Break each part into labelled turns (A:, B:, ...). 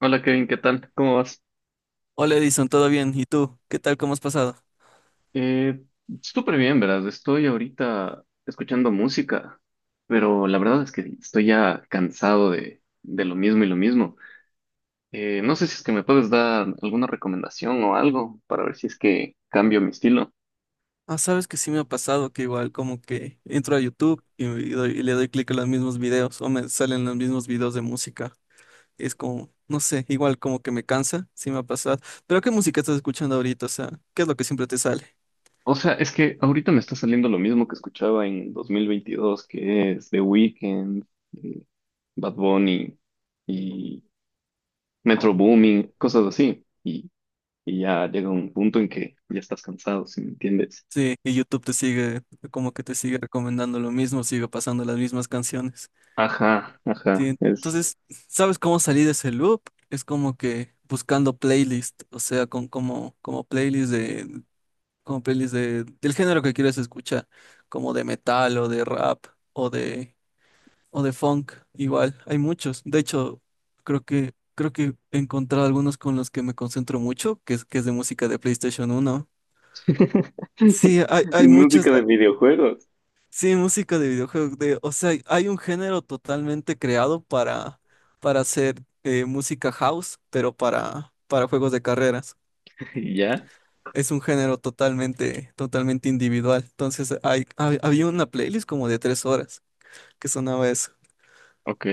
A: Hola Kevin, ¿qué tal? ¿Cómo vas?
B: Hola Edison, ¿todo bien? ¿Y tú? ¿Qué tal? ¿Cómo has pasado?
A: Eh, Súper bien, verás. Estoy ahorita escuchando música, pero la verdad es que estoy ya cansado de lo mismo y lo mismo. No sé si es que me puedes dar alguna recomendación o algo para ver si es que cambio mi estilo.
B: Ah, sabes que sí me ha pasado que igual como que entro a YouTube y le doy clic a los mismos videos o me salen los mismos videos de música. Es como, no sé, igual como que me cansa, sí me ha pasado. Pero ¿qué música estás escuchando ahorita? O sea, ¿qué es lo que siempre te sale?
A: O sea, es que ahorita me está saliendo lo mismo que escuchaba en 2022, que es The Weeknd, eh, Bad Bunny y Metro Booming, cosas así. Y ya llega un punto en que ya estás cansado, ¿si me entiendes?
B: Sí, y YouTube como que te sigue recomendando lo mismo, sigue pasando las mismas canciones.
A: Ajá,
B: Sí,
A: ajá, es.
B: entonces, ¿sabes cómo salir de ese loop? Es como que buscando playlist, o sea, como playlist como pelis del género que quieres escuchar, como de metal o de rap o de, o de funk, igual, hay muchos. De hecho, creo que he encontrado algunos con los que me concentro mucho, que es de música de PlayStation uno. Sí, hay muchas,
A: Música de
B: ah,
A: videojuegos.
B: sí, música de videojuegos, de, o sea, hay un género totalmente creado para hacer música house, pero para juegos de carreras.
A: Y ya,
B: Es un género totalmente, totalmente individual. Entonces, había una playlist como de tres horas que sonaba eso.
A: ok.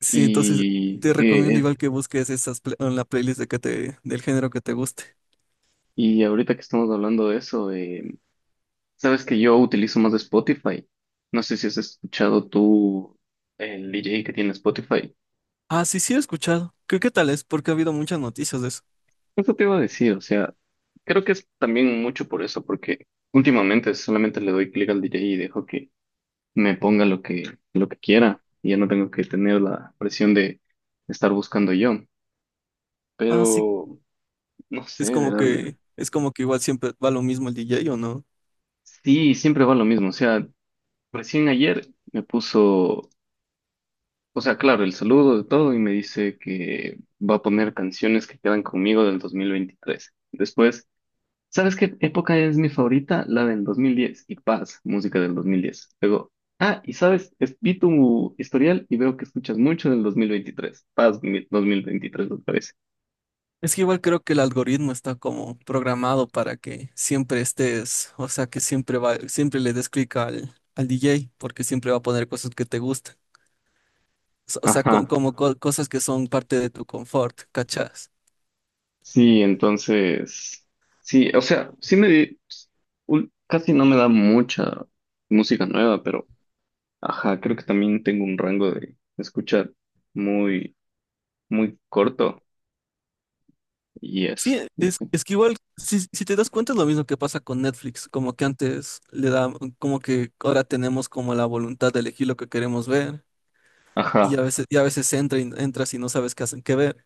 B: Sí, entonces
A: ¿Y
B: te
A: que
B: recomiendo
A: es?
B: igual que busques esas en la playlist de del género que te guste.
A: Y ahorita que estamos hablando de eso, sabes que yo utilizo más Spotify. No sé si has escuchado tú el DJ que tiene Spotify.
B: Ah, sí, sí he escuchado. ¿Qué, qué tal es? Porque ha habido muchas noticias de eso.
A: Eso te iba a decir, o sea, creo que es también mucho por eso, porque últimamente solamente le doy clic al DJ y dejo que me ponga lo que quiera y ya no tengo que tener la presión de estar buscando yo.
B: Ah, sí,
A: Pero no sé, ¿verdad?
B: es como que igual siempre va lo mismo el DJ, ¿o no?
A: Sí, siempre va lo mismo. O sea, recién ayer me puso, o sea, claro, el saludo de todo y me dice que va a poner canciones que quedan conmigo del 2023. Después, ¿sabes qué época es mi favorita? La del 2010 y paz, música del 2010. Luego, ah, y sabes, vi tu historial y veo que escuchas mucho del 2023. Paz, 2023, me parece.
B: Es que igual creo que el algoritmo está como programado para que siempre estés, o sea, que siempre va, siempre le des clic al DJ, porque siempre va a poner cosas que te gustan. O sea,
A: Ajá,
B: como cosas que son parte de tu confort, ¿cachas?
A: sí, entonces, sí, o sea, casi no me da mucha música nueva, pero ajá, creo que también tengo un rango de escuchar muy, muy corto y
B: Sí,
A: eso, no sé.
B: es que igual, si te das cuenta, es lo mismo que pasa con Netflix, como que antes le da, como que ahora tenemos como la voluntad de elegir lo que queremos ver, y
A: Ajá,
B: a veces, y a veces entras y no sabes qué hacen qué ver.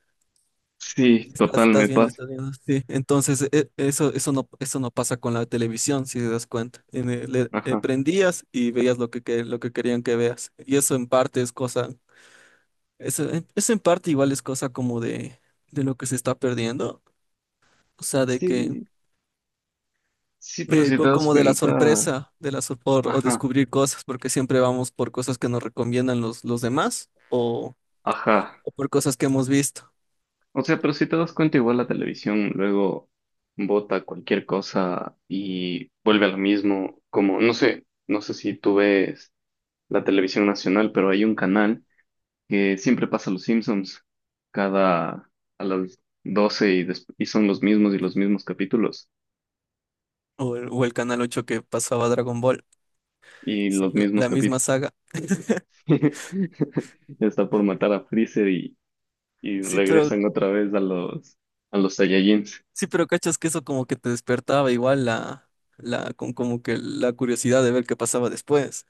A: sí,
B: Estás,
A: total, me pasa.
B: estás viendo, sí. Entonces, eso, eso no pasa con la televisión, si te das cuenta.
A: Ajá.
B: Prendías y veías lo lo que querían que veas. Y eso en parte es cosa. Eso, eso en parte igual es cosa como de lo que se está perdiendo, o sea,
A: Sí, sí, pero si te das
B: como de la
A: cuenta,
B: sorpresa, de la sor- por- o
A: ajá,
B: descubrir cosas, porque siempre vamos por cosas que nos recomiendan los demás
A: ajá.
B: o por cosas que hemos visto.
A: O sea, pero si te das cuenta, igual la televisión luego bota cualquier cosa y vuelve a lo mismo, como, no sé, no sé si tú ves la televisión nacional, pero hay un canal que siempre pasa los Simpsons cada, a las 12 y son los mismos y los mismos capítulos
B: O o el Canal ocho que pasaba Dragon Ball,
A: y
B: sí,
A: los mismos
B: la misma
A: capítulos.
B: saga.
A: Ya está por matar a Freezer y
B: Sí, pero,
A: regresan otra vez a los Saiyajins.
B: sí, pero cachas que eso como que te despertaba igual como que la curiosidad de ver qué pasaba después.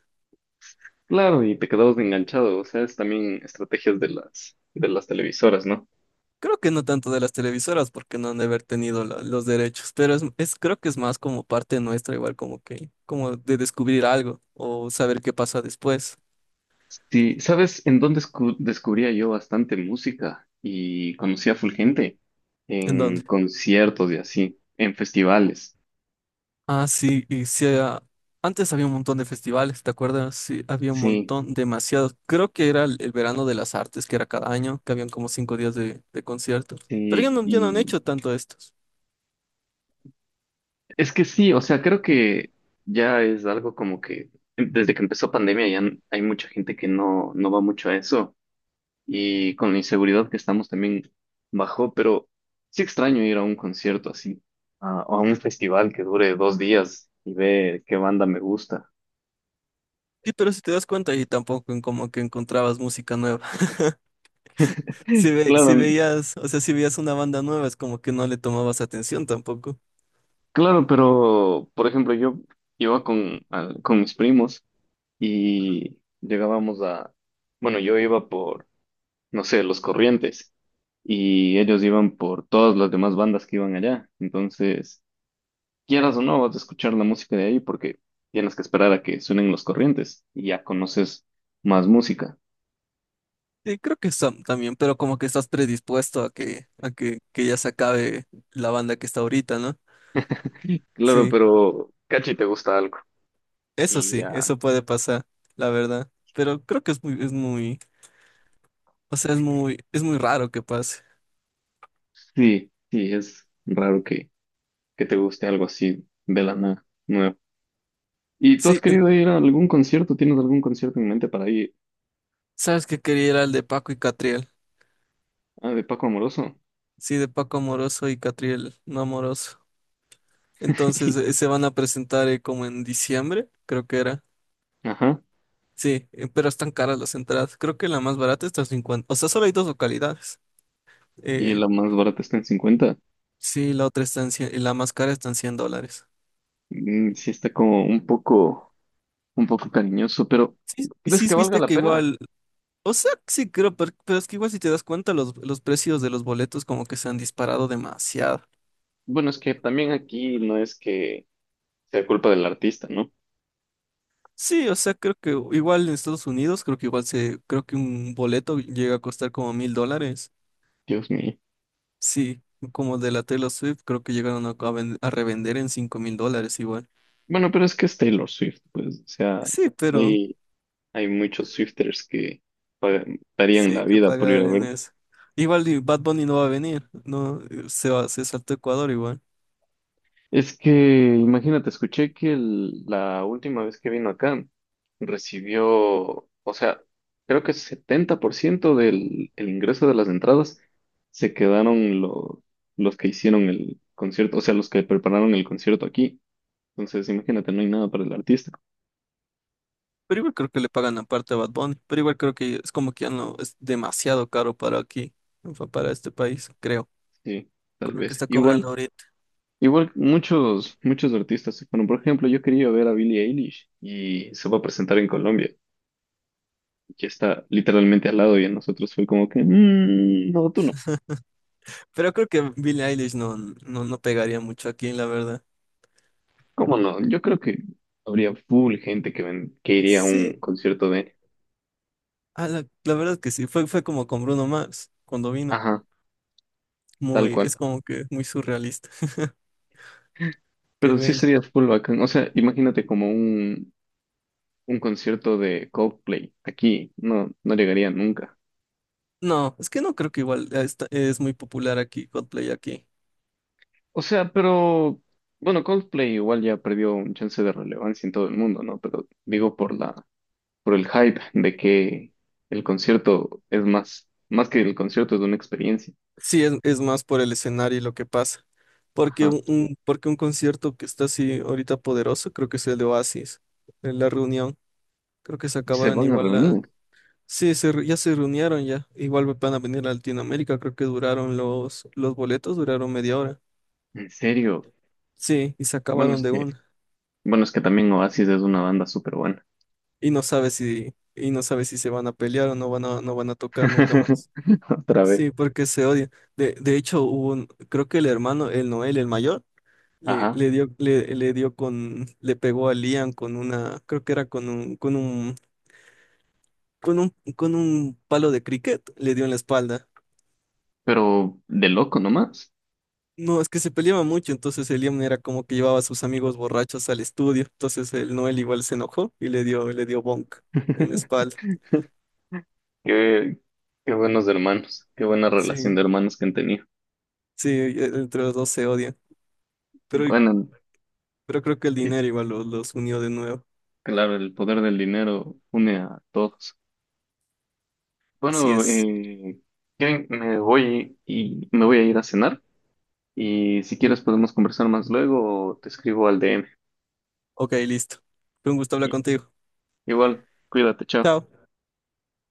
A: Claro, y te quedabas enganchado, o sea, es también estrategias de las televisoras, ¿no?
B: Creo que no tanto de las televisoras porque no han de haber tenido los derechos, pero creo que es más como parte nuestra, igual como que, como de descubrir algo o saber qué pasa después.
A: Sí, ¿sabes en dónde descubría yo bastante música y conocía a full gente?
B: ¿En
A: En
B: dónde?
A: conciertos y así, en festivales,
B: Ah, sí, y sí, ah, antes había un montón de festivales, ¿te acuerdas? Sí, había un
A: sí,
B: montón, demasiados. Creo que era el verano de las artes, que era cada año, que habían como cinco días de conciertos. Pero ya
A: sí,
B: no, ya no han
A: y
B: hecho tanto estos.
A: Es que sí, o sea, creo que ya es algo como que desde que empezó pandemia hay mucha gente que no va mucho a eso. Y con la inseguridad que estamos también bajó, pero sí extraño ir a un concierto así, o a un festival que dure 2 días y ver qué banda me gusta.
B: Sí, pero si te das cuenta, ahí tampoco en como que encontrabas música nueva. Si, si
A: Claro,
B: veías, o sea, si veías una banda nueva, es como que no le tomabas atención tampoco.
A: claro, pero por ejemplo yo iba con mis primos y llegábamos a, bueno, yo iba por, no sé, Los Corrientes y ellos iban por todas las demás bandas que iban allá, entonces, quieras o no, vas a escuchar la música de ahí porque tienes que esperar a que suenen los corrientes y ya conoces más música.
B: Sí, creo que también, pero como que estás predispuesto a que ya se acabe la banda que está ahorita, ¿no?
A: Claro,
B: Sí,
A: pero cachi te gusta algo y
B: sí,
A: ya.
B: eso puede pasar, la verdad. Pero creo que es muy, o sea, es muy raro que pase.
A: Sí, sí, es raro que te guste algo así de la nada, nuevo. ¿Y tú has
B: Sí,
A: querido ir a algún concierto? ¿Tienes algún concierto en mente para ir?
B: sabes que quería ir al de Paco y Catriel.
A: Ah, de Paco Amoroso.
B: Sí, de Paco Amoroso y Catriel no amoroso. Entonces, se van a presentar como en diciembre, creo que era.
A: Ajá.
B: Sí, pero están caras las entradas. Creo que la más barata está en 50. O sea, solo hay dos localidades.
A: Y
B: Eh,
A: la más barata está en 50.
B: sí, la otra está en 100, y la más cara está en cien dólares.
A: Mm, sí está como un un poco cariñoso, pero
B: Sí, y
A: ¿crees
B: sí,
A: que valga
B: viste
A: la
B: que
A: pena?
B: igual. O sea, sí, creo, pero, es que igual si te das cuenta, los precios de los boletos como que se han disparado demasiado.
A: Bueno, es que también aquí no es que sea culpa del artista, ¿no?
B: Sí, o sea, creo que igual en Estados Unidos, creo que igual se, creo que un boleto llega a costar como mil dólares.
A: Dios mío.
B: Sí, como de la Taylor Swift, creo que llegaron a revender en cinco mil dólares igual.
A: Bueno, pero es que es Taylor Swift, pues, o sea,
B: Sí, pero
A: hay, hay muchos Swifters que darían la
B: sí, que
A: vida por ir
B: pagar
A: a ver.
B: en eso. Igual y Bad Bunny no va a venir, no se va, se saltó Ecuador igual.
A: Es que, imagínate, escuché que la última vez que vino acá recibió, o sea, creo que 70% del el ingreso de las entradas se quedaron los que hicieron el concierto, o sea, los que prepararon el concierto aquí. Entonces, imagínate, no hay nada para el artista.
B: Pero igual creo que le pagan aparte a Bad Bunny, pero igual creo que es como que ya no es demasiado caro para aquí, para este país, creo,
A: Sí, tal
B: con lo que
A: vez.
B: está cobrando
A: Igual,
B: ahorita.
A: igual muchos artistas se fueron. Por ejemplo, yo quería ver a Billie Eilish y se va a presentar en Colombia, que está literalmente al lado y a nosotros fue como que, "Mm, no, tú no".
B: Pero creo que Billie Eilish no, no, no pegaría mucho aquí, la verdad.
A: ¿Cómo no? Yo creo que habría full gente que iría a
B: Sí,
A: un concierto de,
B: a la verdad que sí, fue como con Bruno Mars cuando vino.
A: ajá, tal
B: Muy,
A: cual.
B: es como que muy surrealista que
A: Pero sí
B: venga.
A: sería full bacán. O sea, imagínate como un concierto de Coldplay aquí. No, no llegaría nunca.
B: No, es que no creo que igual es muy popular aquí, Coldplay aquí.
A: O sea, pero bueno, Coldplay igual ya perdió un chance de relevancia en todo el mundo, ¿no? Pero digo por por el hype de que el concierto es más que el concierto es una experiencia.
B: Sí, es más por el escenario y lo que pasa. Porque
A: Ajá.
B: porque un concierto que está así ahorita poderoso, creo que es el de Oasis, en la reunión. Creo que se
A: Se
B: acabaron
A: van a
B: igual la...
A: reunir.
B: Sí, ya se reunieron ya. Igual van a venir a Latinoamérica, creo que duraron los boletos, duraron media hora.
A: ¿En serio?
B: Sí, y se
A: Bueno,
B: acabaron
A: es
B: de
A: que,
B: una.
A: bueno, es que también Oasis es una banda súper buena.
B: Y no sabe si, y no sabe si se van a pelear o no van no van a tocar nunca más.
A: Otra vez.
B: Sí, porque se odian. De hecho, hubo un- creo que el hermano, el Noel, el mayor.
A: Ajá.
B: Le dio con, le pegó a Liam con una, creo que era con un, con un con un palo de cricket, le dio en la espalda.
A: Pero de loco nomás.
B: No, es que se peleaba mucho, entonces el Liam era como que llevaba a sus amigos borrachos al estudio, entonces el Noel igual se enojó y le le dio bonk en la espalda.
A: Qué, qué buenos hermanos, qué buena relación
B: Sí,
A: de hermanos que han tenido.
B: sí, entre los dos se odian, pero,
A: Bueno,
B: pero creo que el
A: sí,
B: dinero igual los unió de nuevo.
A: claro, el poder del dinero une a todos.
B: Así
A: Bueno,
B: es.
A: ¿quieren? Me voy y me voy a ir a cenar y si quieres podemos conversar más luego o te escribo al DM.
B: Ok, listo. Fue un gusto hablar contigo.
A: Igual, cuídate, chao.
B: Chao.